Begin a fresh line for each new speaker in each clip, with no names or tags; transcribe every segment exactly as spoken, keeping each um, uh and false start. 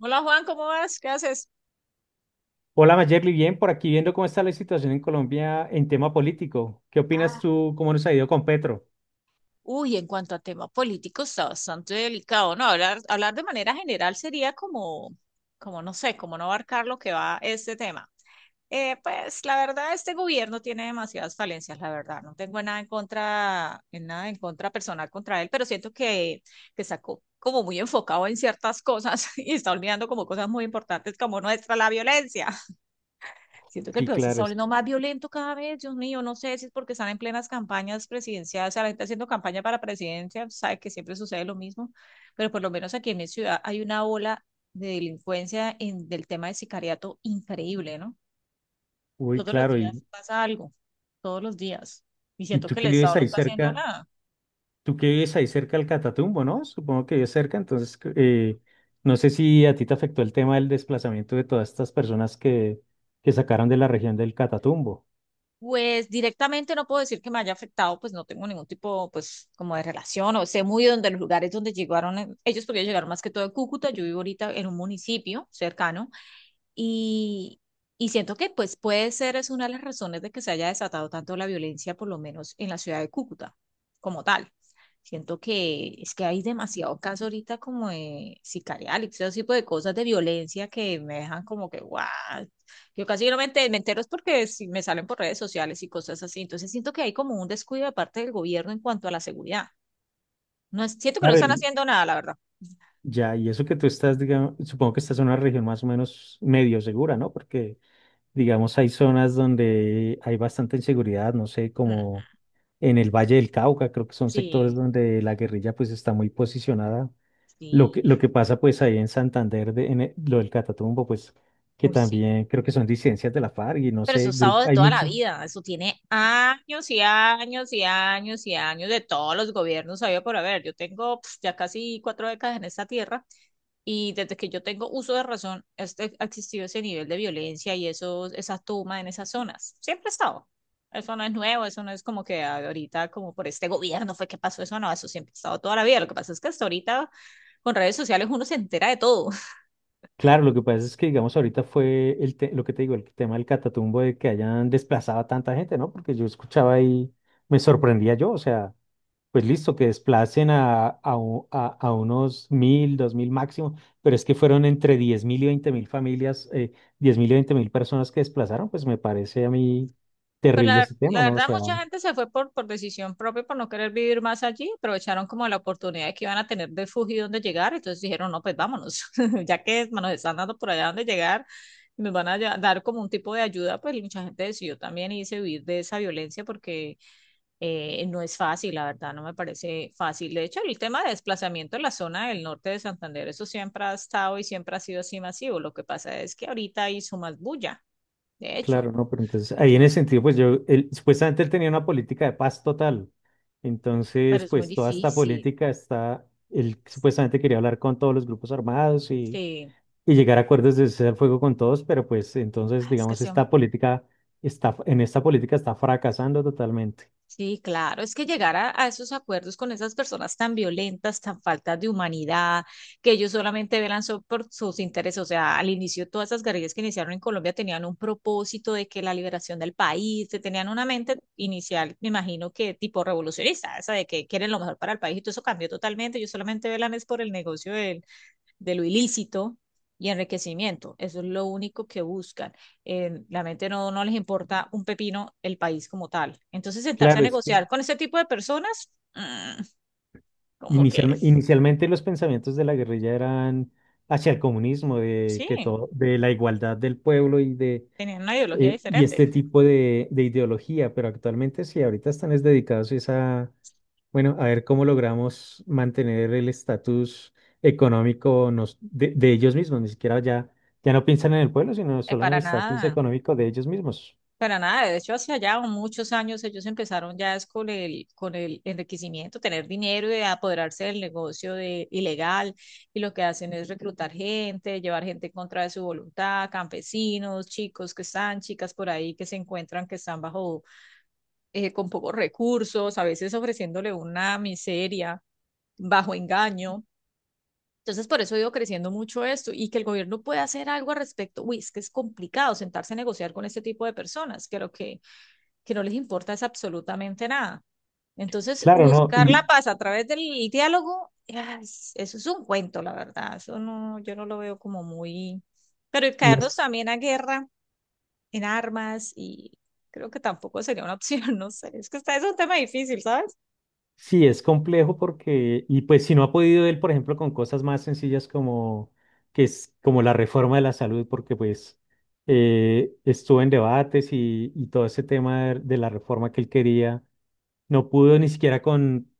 Hola Juan, ¿cómo vas? ¿Qué haces?
Hola Mayerly, bien, por aquí viendo cómo está la situación en Colombia en tema político. ¿Qué opinas
Ah.
tú? ¿Cómo nos ha ido con Petro?
Uy, en cuanto a tema político está bastante delicado, ¿no? Hablar, hablar de manera general sería como, como no sé, como no abarcar lo que va este tema. Eh, pues la verdad, este gobierno tiene demasiadas falencias, la verdad. No tengo nada en contra, en nada en contra personal contra él, pero siento que, que está co- como muy enfocado en ciertas cosas y está olvidando como cosas muy importantes como nuestra, la violencia. Siento que el
Sí,
país se
claro,
está
es.
volviendo más violento cada vez, Dios mío, no sé si es porque están en plenas campañas presidenciales, o sea, la gente haciendo campaña para presidencia, sabe que siempre sucede lo mismo, pero por lo menos aquí en mi ciudad hay una ola de delincuencia en, del tema de sicariato increíble, ¿no?
Uy,
Todos los
claro, y,
días pasa algo, todos los días, y
y
siento
tú
que el
que
Estado
vives
no
ahí
está haciendo
cerca,
nada.
tú que vives ahí cerca del Catatumbo, ¿no? Supongo que vives cerca, entonces eh, no sé si a ti te afectó el tema del desplazamiento de todas estas personas que, que sacaron de la región del Catatumbo.
Pues directamente no puedo decir que me haya afectado, pues no tengo ningún tipo, pues como de relación, o sé muy donde los lugares donde llegaron eh, ellos, porque ellos llegaron más que todo de Cúcuta. Yo vivo ahorita en un municipio cercano, y, y siento que pues puede ser es una de las razones de que se haya desatado tanto la violencia, por lo menos en la ciudad de Cúcuta, como tal. Siento que es que hay demasiados casos ahorita como de sicarial y todo ese tipo de cosas de violencia que me dejan como que, guau, yo casi no me enter- me entero, es porque si me salen por redes sociales y cosas así. Entonces siento que hay como un descuido de parte del gobierno en cuanto a la seguridad. No es, siento que no
Claro,
están
y
haciendo nada, la verdad.
ya, y eso que tú estás, digamos, supongo que estás en una región más o menos medio segura, ¿no? Porque digamos, hay zonas donde hay bastante inseguridad, no sé,
Mm.
como en el Valle del Cauca, creo que son sectores
Sí,
donde la guerrilla pues está muy posicionada. Lo
sí.
que, lo que pasa pues ahí en Santander, de- en el- lo del Catatumbo, pues que
Uy, sí.
también creo que son disidencias de la FARC y no
Pero eso
sé,
es usado
grup-
de
hay
toda la
muchos.
vida, eso tiene años y años y años y años de todos los gobiernos, había por haber. Yo tengo pf, ya casi cuatro décadas en esta tierra y desde que yo tengo uso de razón, este, ha existido ese nivel de violencia y eso, esa toma en esas zonas. Siempre ha estado. Eso no es nuevo, eso no es como que ahorita, como por este gobierno fue que pasó eso, no, eso siempre ha estado toda la vida. Lo que pasa es que hasta ahorita con redes sociales uno se entera de todo.
Claro, lo que pasa es que digamos ahorita fue el te- lo que te digo, el tema del Catatumbo de que hayan desplazado a tanta gente, ¿no? Porque yo escuchaba y me sorprendía yo, o sea, pues listo, que desplacen a, a, u- a, a unos mil, dos mil máximo, pero es que fueron entre diez mil y veinte mil familias, eh, diez mil y veinte mil personas que desplazaron, pues me parece a mí
Pues
terrible
la,
ese tema,
la
¿no? O
verdad,
sea,
mucha gente se fue por, por decisión propia, por no querer vivir más allí. Aprovecharon como la oportunidad que iban a tener de fugir donde llegar. Entonces dijeron, no, pues vámonos, ya que nos están dando por allá donde llegar, y nos van a ya- dar como un tipo de ayuda. Pues mucha gente decidió también irse a huir de esa violencia porque eh, no es fácil, la verdad, no me parece fácil. De hecho, el tema de desplazamiento en la zona del norte de Santander, eso siempre ha estado y siempre ha sido así masivo. Lo que pasa es que ahorita hizo más bulla, de hecho.
claro, ¿no? Pero entonces
De
ahí en
hecho,
ese sentido, pues yo, él- supuestamente él tenía una política de paz total,
pero
entonces
es muy
pues toda esta
difícil.
política está, él supuestamente quería hablar con todos los grupos armados y
Sí,
llegar a acuerdos de cesar el fuego con todos, pero pues entonces,
ah, es que
digamos,
sí,
esta política está, en esta política está fracasando totalmente.
sí, claro, es que llegar a, a esos acuerdos con esas personas tan violentas, tan faltas de humanidad, que ellos solamente velan so- por sus intereses, o sea, al inicio todas esas guerrillas que iniciaron en Colombia tenían un propósito de que la liberación del país, que tenían una mente inicial, me imagino que tipo revolucionista, esa de que quieren lo mejor para el país y todo eso cambió totalmente, ellos solamente velan es por el negocio de lo ilícito y enriquecimiento. Eso es lo único que buscan. Eh, la mente no, no les importa un pepino el país como tal. Entonces, sentarse a
Claro, es que
negociar con ese tipo de personas, mm, como que
inicialme- inicialmente los pensamientos de la guerrilla eran hacia el comunismo, de que
sí,
todo, de la igualdad del pueblo y de
tenían una ideología
eh, y
diferente.
este tipo de, de, ideología, pero actualmente sí, ahorita están es dedicados es a, bueno, a ver cómo logramos mantener el estatus económico nos- de, de ellos mismos. Ni siquiera ya, ya no piensan en el pueblo, sino
Eh,
solo en el
para
estatus
nada.
económico de ellos mismos.
Para nada, de hecho, hace allá muchos años ellos empezaron ya es con el, con el enriquecimiento, tener dinero y apoderarse del negocio de, ilegal. Y lo que hacen es reclutar gente, llevar gente en contra de su voluntad, campesinos, chicos que están, chicas por ahí que se encuentran que están bajo, eh, con pocos recursos, a veces ofreciéndole una miseria bajo engaño. Entonces, por eso ha ido creciendo mucho esto y que el gobierno pueda hacer algo al respecto. Uy, es que es complicado sentarse a negociar con este tipo de personas. Creo que que no les importa es absolutamente nada. Entonces,
Claro, ¿no?
buscar la
Y
paz a través del diálogo, ¡as! Eso es un cuento, la verdad. Eso no, yo no lo veo como muy... Pero el
no es-
caernos también a guerra en armas y creo que tampoco sería una opción, no sé. Es que está, es un tema difícil, ¿sabes?
sí, es complejo porque, y pues si no ha podido él, por ejemplo, con cosas más sencillas como, que es, como la reforma de la salud, porque pues eh, estuvo en debates y, y todo ese tema de de la reforma que él quería, no pudo ni siquiera con,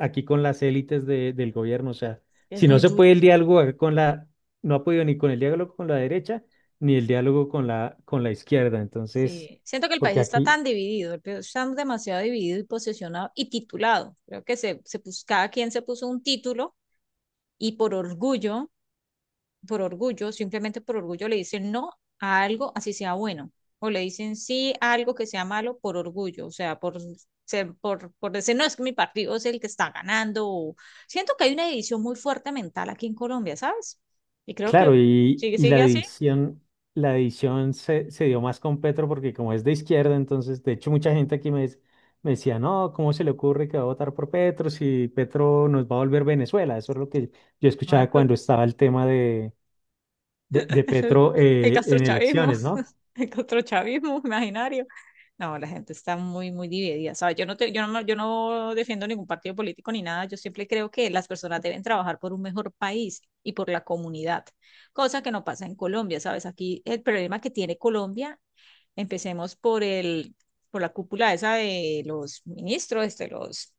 aquí con las élites de- del gobierno. O sea,
Es
si no
muy
se puede
duro.
el diálogo con la, no ha podido ni con el diálogo con la derecha, ni el diálogo con la, con la, izquierda. Entonces,
Sí. Siento que el país
porque
está
aquí,
tan dividido, el país está demasiado dividido y posesionado y titulado. Creo que se, se pus- cada quien se puso un título y por orgullo, por orgullo, simplemente por orgullo le dicen no a algo así sea bueno, o le dicen sí a algo que sea malo por orgullo, o sea, por, ser- por, por decir no, es que mi partido es el que está ganando. o- Siento que hay una división muy fuerte mental aquí en Colombia, ¿sabes? Y creo que
claro, y,
sigue,
y
sigue
la
así.
división, la división se, se dio más con Petro porque como es de izquierda, entonces, de hecho, mucha gente aquí me, des- me decía, no, ¿cómo se le ocurre que va a votar por Petro si Petro nos va a volver Venezuela? Eso es lo que yo
No hay
escuchaba
club.
cuando estaba el tema de, de,
El,
de Petro
el
eh, en
castrochavismo,
elecciones, ¿no?
el castrochavismo imaginario. No, la gente está muy, muy dividida, ¿sabes? Yo no te- yo no, me- Yo no defiendo ningún partido político ni nada. Yo siempre creo que las personas deben trabajar por un mejor país y por la comunidad, cosa que no pasa en Colombia, ¿sabes? Aquí el problema que tiene Colombia, empecemos por el, por la cúpula esa de los ministros, de los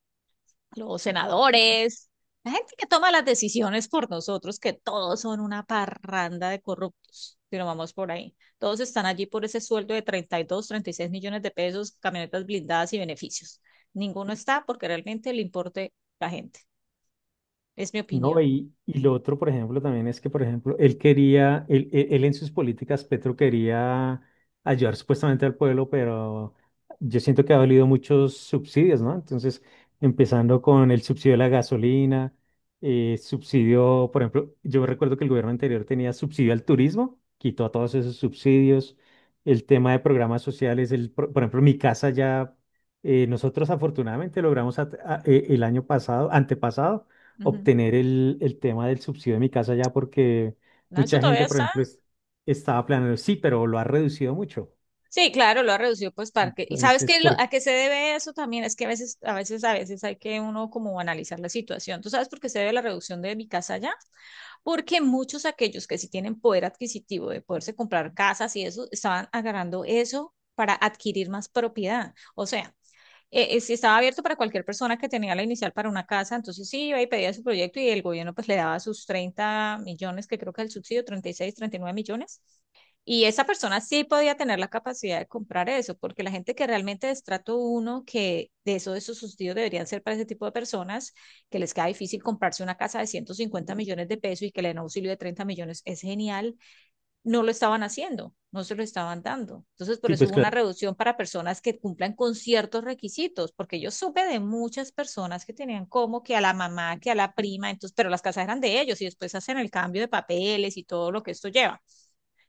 los senadores, la gente que toma las decisiones por nosotros, que todos son una parranda de corruptos, si no vamos por ahí. Todos están allí por ese sueldo de treinta treinta y dos, treinta y seis millones de pesos, camionetas blindadas y beneficios. Ninguno está porque realmente le importe la gente. Es mi
No,
opinión.
y, y lo otro, por ejemplo, también es que, por ejemplo, él quería, él, él- él en sus políticas, Petro quería ayudar supuestamente al pueblo, pero yo siento que ha valido muchos subsidios, ¿no? Entonces, empezando con el subsidio de la gasolina, eh, subsidio, por ejemplo, yo recuerdo que el gobierno anterior tenía subsidio al turismo, quitó todos esos subsidios, el tema de programas sociales, el, pro- por ejemplo, mi casa ya, eh, nosotros afortunadamente logramos at- a- eh, el año pasado, antepasado,
Ujú.
obtener el, el tema del subsidio de mi casa ya porque
No, eso
mucha
todavía
gente, por
está.
ejemplo, es- estaba planeando, sí, pero lo ha reducido mucho.
Sí, claro, lo ha reducido pues para que. ¿Y sabes
Entonces,
qué, es lo,
por,
a qué se debe eso también? Es que a veces, a veces, a veces hay que uno como analizar la situación. ¿Tú sabes por qué se debe la reducción de mi casa allá? Porque muchos aquellos que sí tienen poder adquisitivo de poderse comprar casas y eso, estaban agarrando eso para adquirir más propiedad. O sea, eh, eh, sí estaba abierto para cualquier persona que tenía la inicial para una casa, entonces sí iba y pedía su proyecto y el gobierno pues le daba sus treinta millones, que creo que es el subsidio treinta treinta y seis treinta y nueve millones. Y esa persona sí podía tener la capacidad de comprar eso, porque la gente que realmente de estrato uno, que de eso, de esos subsidios deberían ser para ese tipo de personas, que les queda difícil comprarse una casa de ciento cincuenta millones de pesos y que le den auxilio de treinta millones, es genial. No lo estaban haciendo, no se lo estaban dando. Entonces, por
sí,
eso
pues
hubo una
claro.
reducción para personas que cumplan con ciertos requisitos, porque yo supe de muchas personas que tenían como que a la mamá, que a la prima, entonces, pero las casas eran de ellos y después hacen el cambio de papeles y todo lo que esto lleva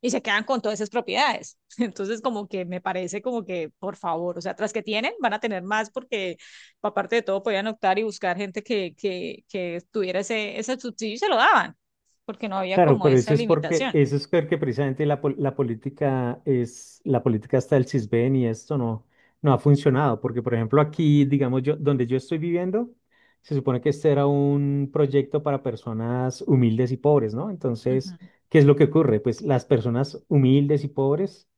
y se quedan con todas esas propiedades. Entonces, como que me parece como que, por favor, o sea, tras que tienen, van a tener más porque aparte de todo podían optar y buscar gente que, que, que tuviera ese, ese subsidio y se lo daban, porque no había
Claro,
como
pero
esa
eso es porque,
limitación.
eso es porque precisamente la, pol- la política es, la política hasta el CISBEN y esto no, no, ha funcionado, porque por ejemplo aquí, digamos yo, donde yo estoy viviendo, se supone que este era un proyecto para personas humildes y pobres, ¿no?
Uh
Entonces,
-huh.
¿qué es lo que ocurre? Pues las personas humildes y pobres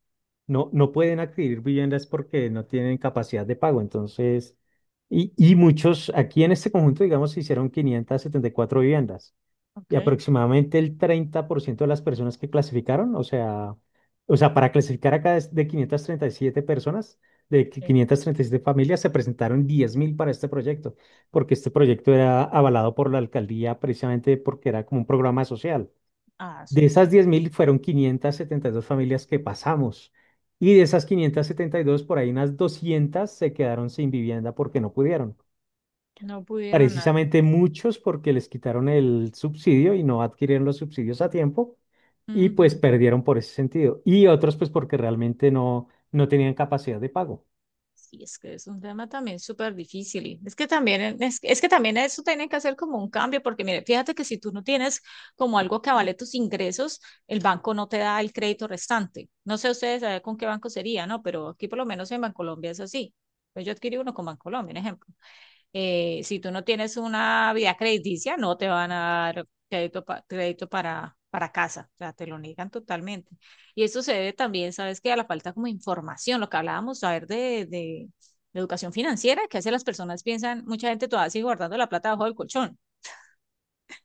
no, no, pueden adquirir viviendas porque no tienen capacidad de pago, entonces, y, y muchos, aquí en este conjunto, digamos, se hicieron quinientas setenta y cuatro viviendas.
Ok,
Y aproximadamente el treinta por ciento de las personas que clasificaron, o sea, o sea, para clasificar acá es de quinientas treinta y siete personas, de qui-
sí.
quinientas treinta y siete familias, se presentaron diez mil para este proyecto, porque este proyecto era avalado por la alcaldía precisamente porque era como un programa social.
Ah,
De esas
súper.
diez mil fueron quinientas setenta y dos familias que pasamos. Y de esas quinientas setenta y dos por ahí unas doscientas se quedaron sin vivienda porque no pudieron,
No pudieron nada.
precisamente muchos porque les quitaron el subsidio y no adquirieron los subsidios a tiempo y pues
Ujú.
perdieron por ese sentido. Y otros pues porque realmente no, no, tenían capacidad de pago.
Sí, es que es un tema también súper difícil. Y es que también es, es que también eso tienen que hacer como un cambio, porque mire, fíjate que si tú no tienes como algo que avale tus ingresos, el banco no te da el crédito restante. No sé ustedes eh, con qué banco sería, ¿no? Pero aquí por lo menos en Bancolombia es así. Pues yo adquirí uno con Bancolombia, un ejemplo. Eh, si tú no tienes una vida crediticia, no te van a dar crédito, pa- crédito para, para casa, o sea, te lo niegan totalmente. Y esto se debe también, ¿sabes qué? A la falta como de información, lo que hablábamos, saber de, de, de educación financiera, que hace las personas piensan, mucha gente todavía sigue guardando la plata bajo el colchón.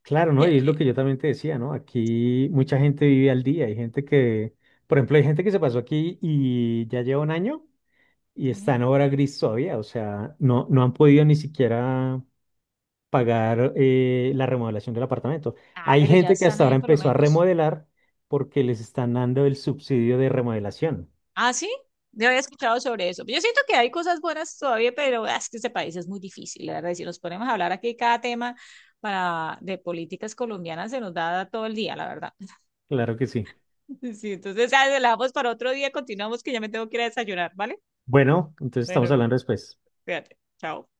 Claro,
Y-
¿no? Y es
y-
lo que yo también te decía, ¿no? Aquí mucha gente vive al día. Hay gente que, por ejemplo, hay gente que se pasó aquí y ya lleva un año y
Sí.
está en obra gris todavía. O sea, no, no, han podido ni siquiera pagar eh, la remodelación del apartamento.
Ah,
Hay
pero ya
gente que
están
hasta
ahí
ahora
por lo
empezó a
menos.
remodelar porque les están dando el subsidio de remodelación.
Ah, sí, no había escuchado sobre eso. Yo siento que hay cosas buenas todavía, pero ah, es que este país es muy difícil, la verdad. Y si nos ponemos a hablar aquí cada tema para, de políticas colombianas, se nos da todo el día, la verdad.
Claro que sí.
Sí, entonces, ah, la dejamos para otro día, continuamos que ya me tengo que ir a desayunar, ¿vale?
Bueno, entonces estamos
Bueno,
hablando después.
fíjate, chao.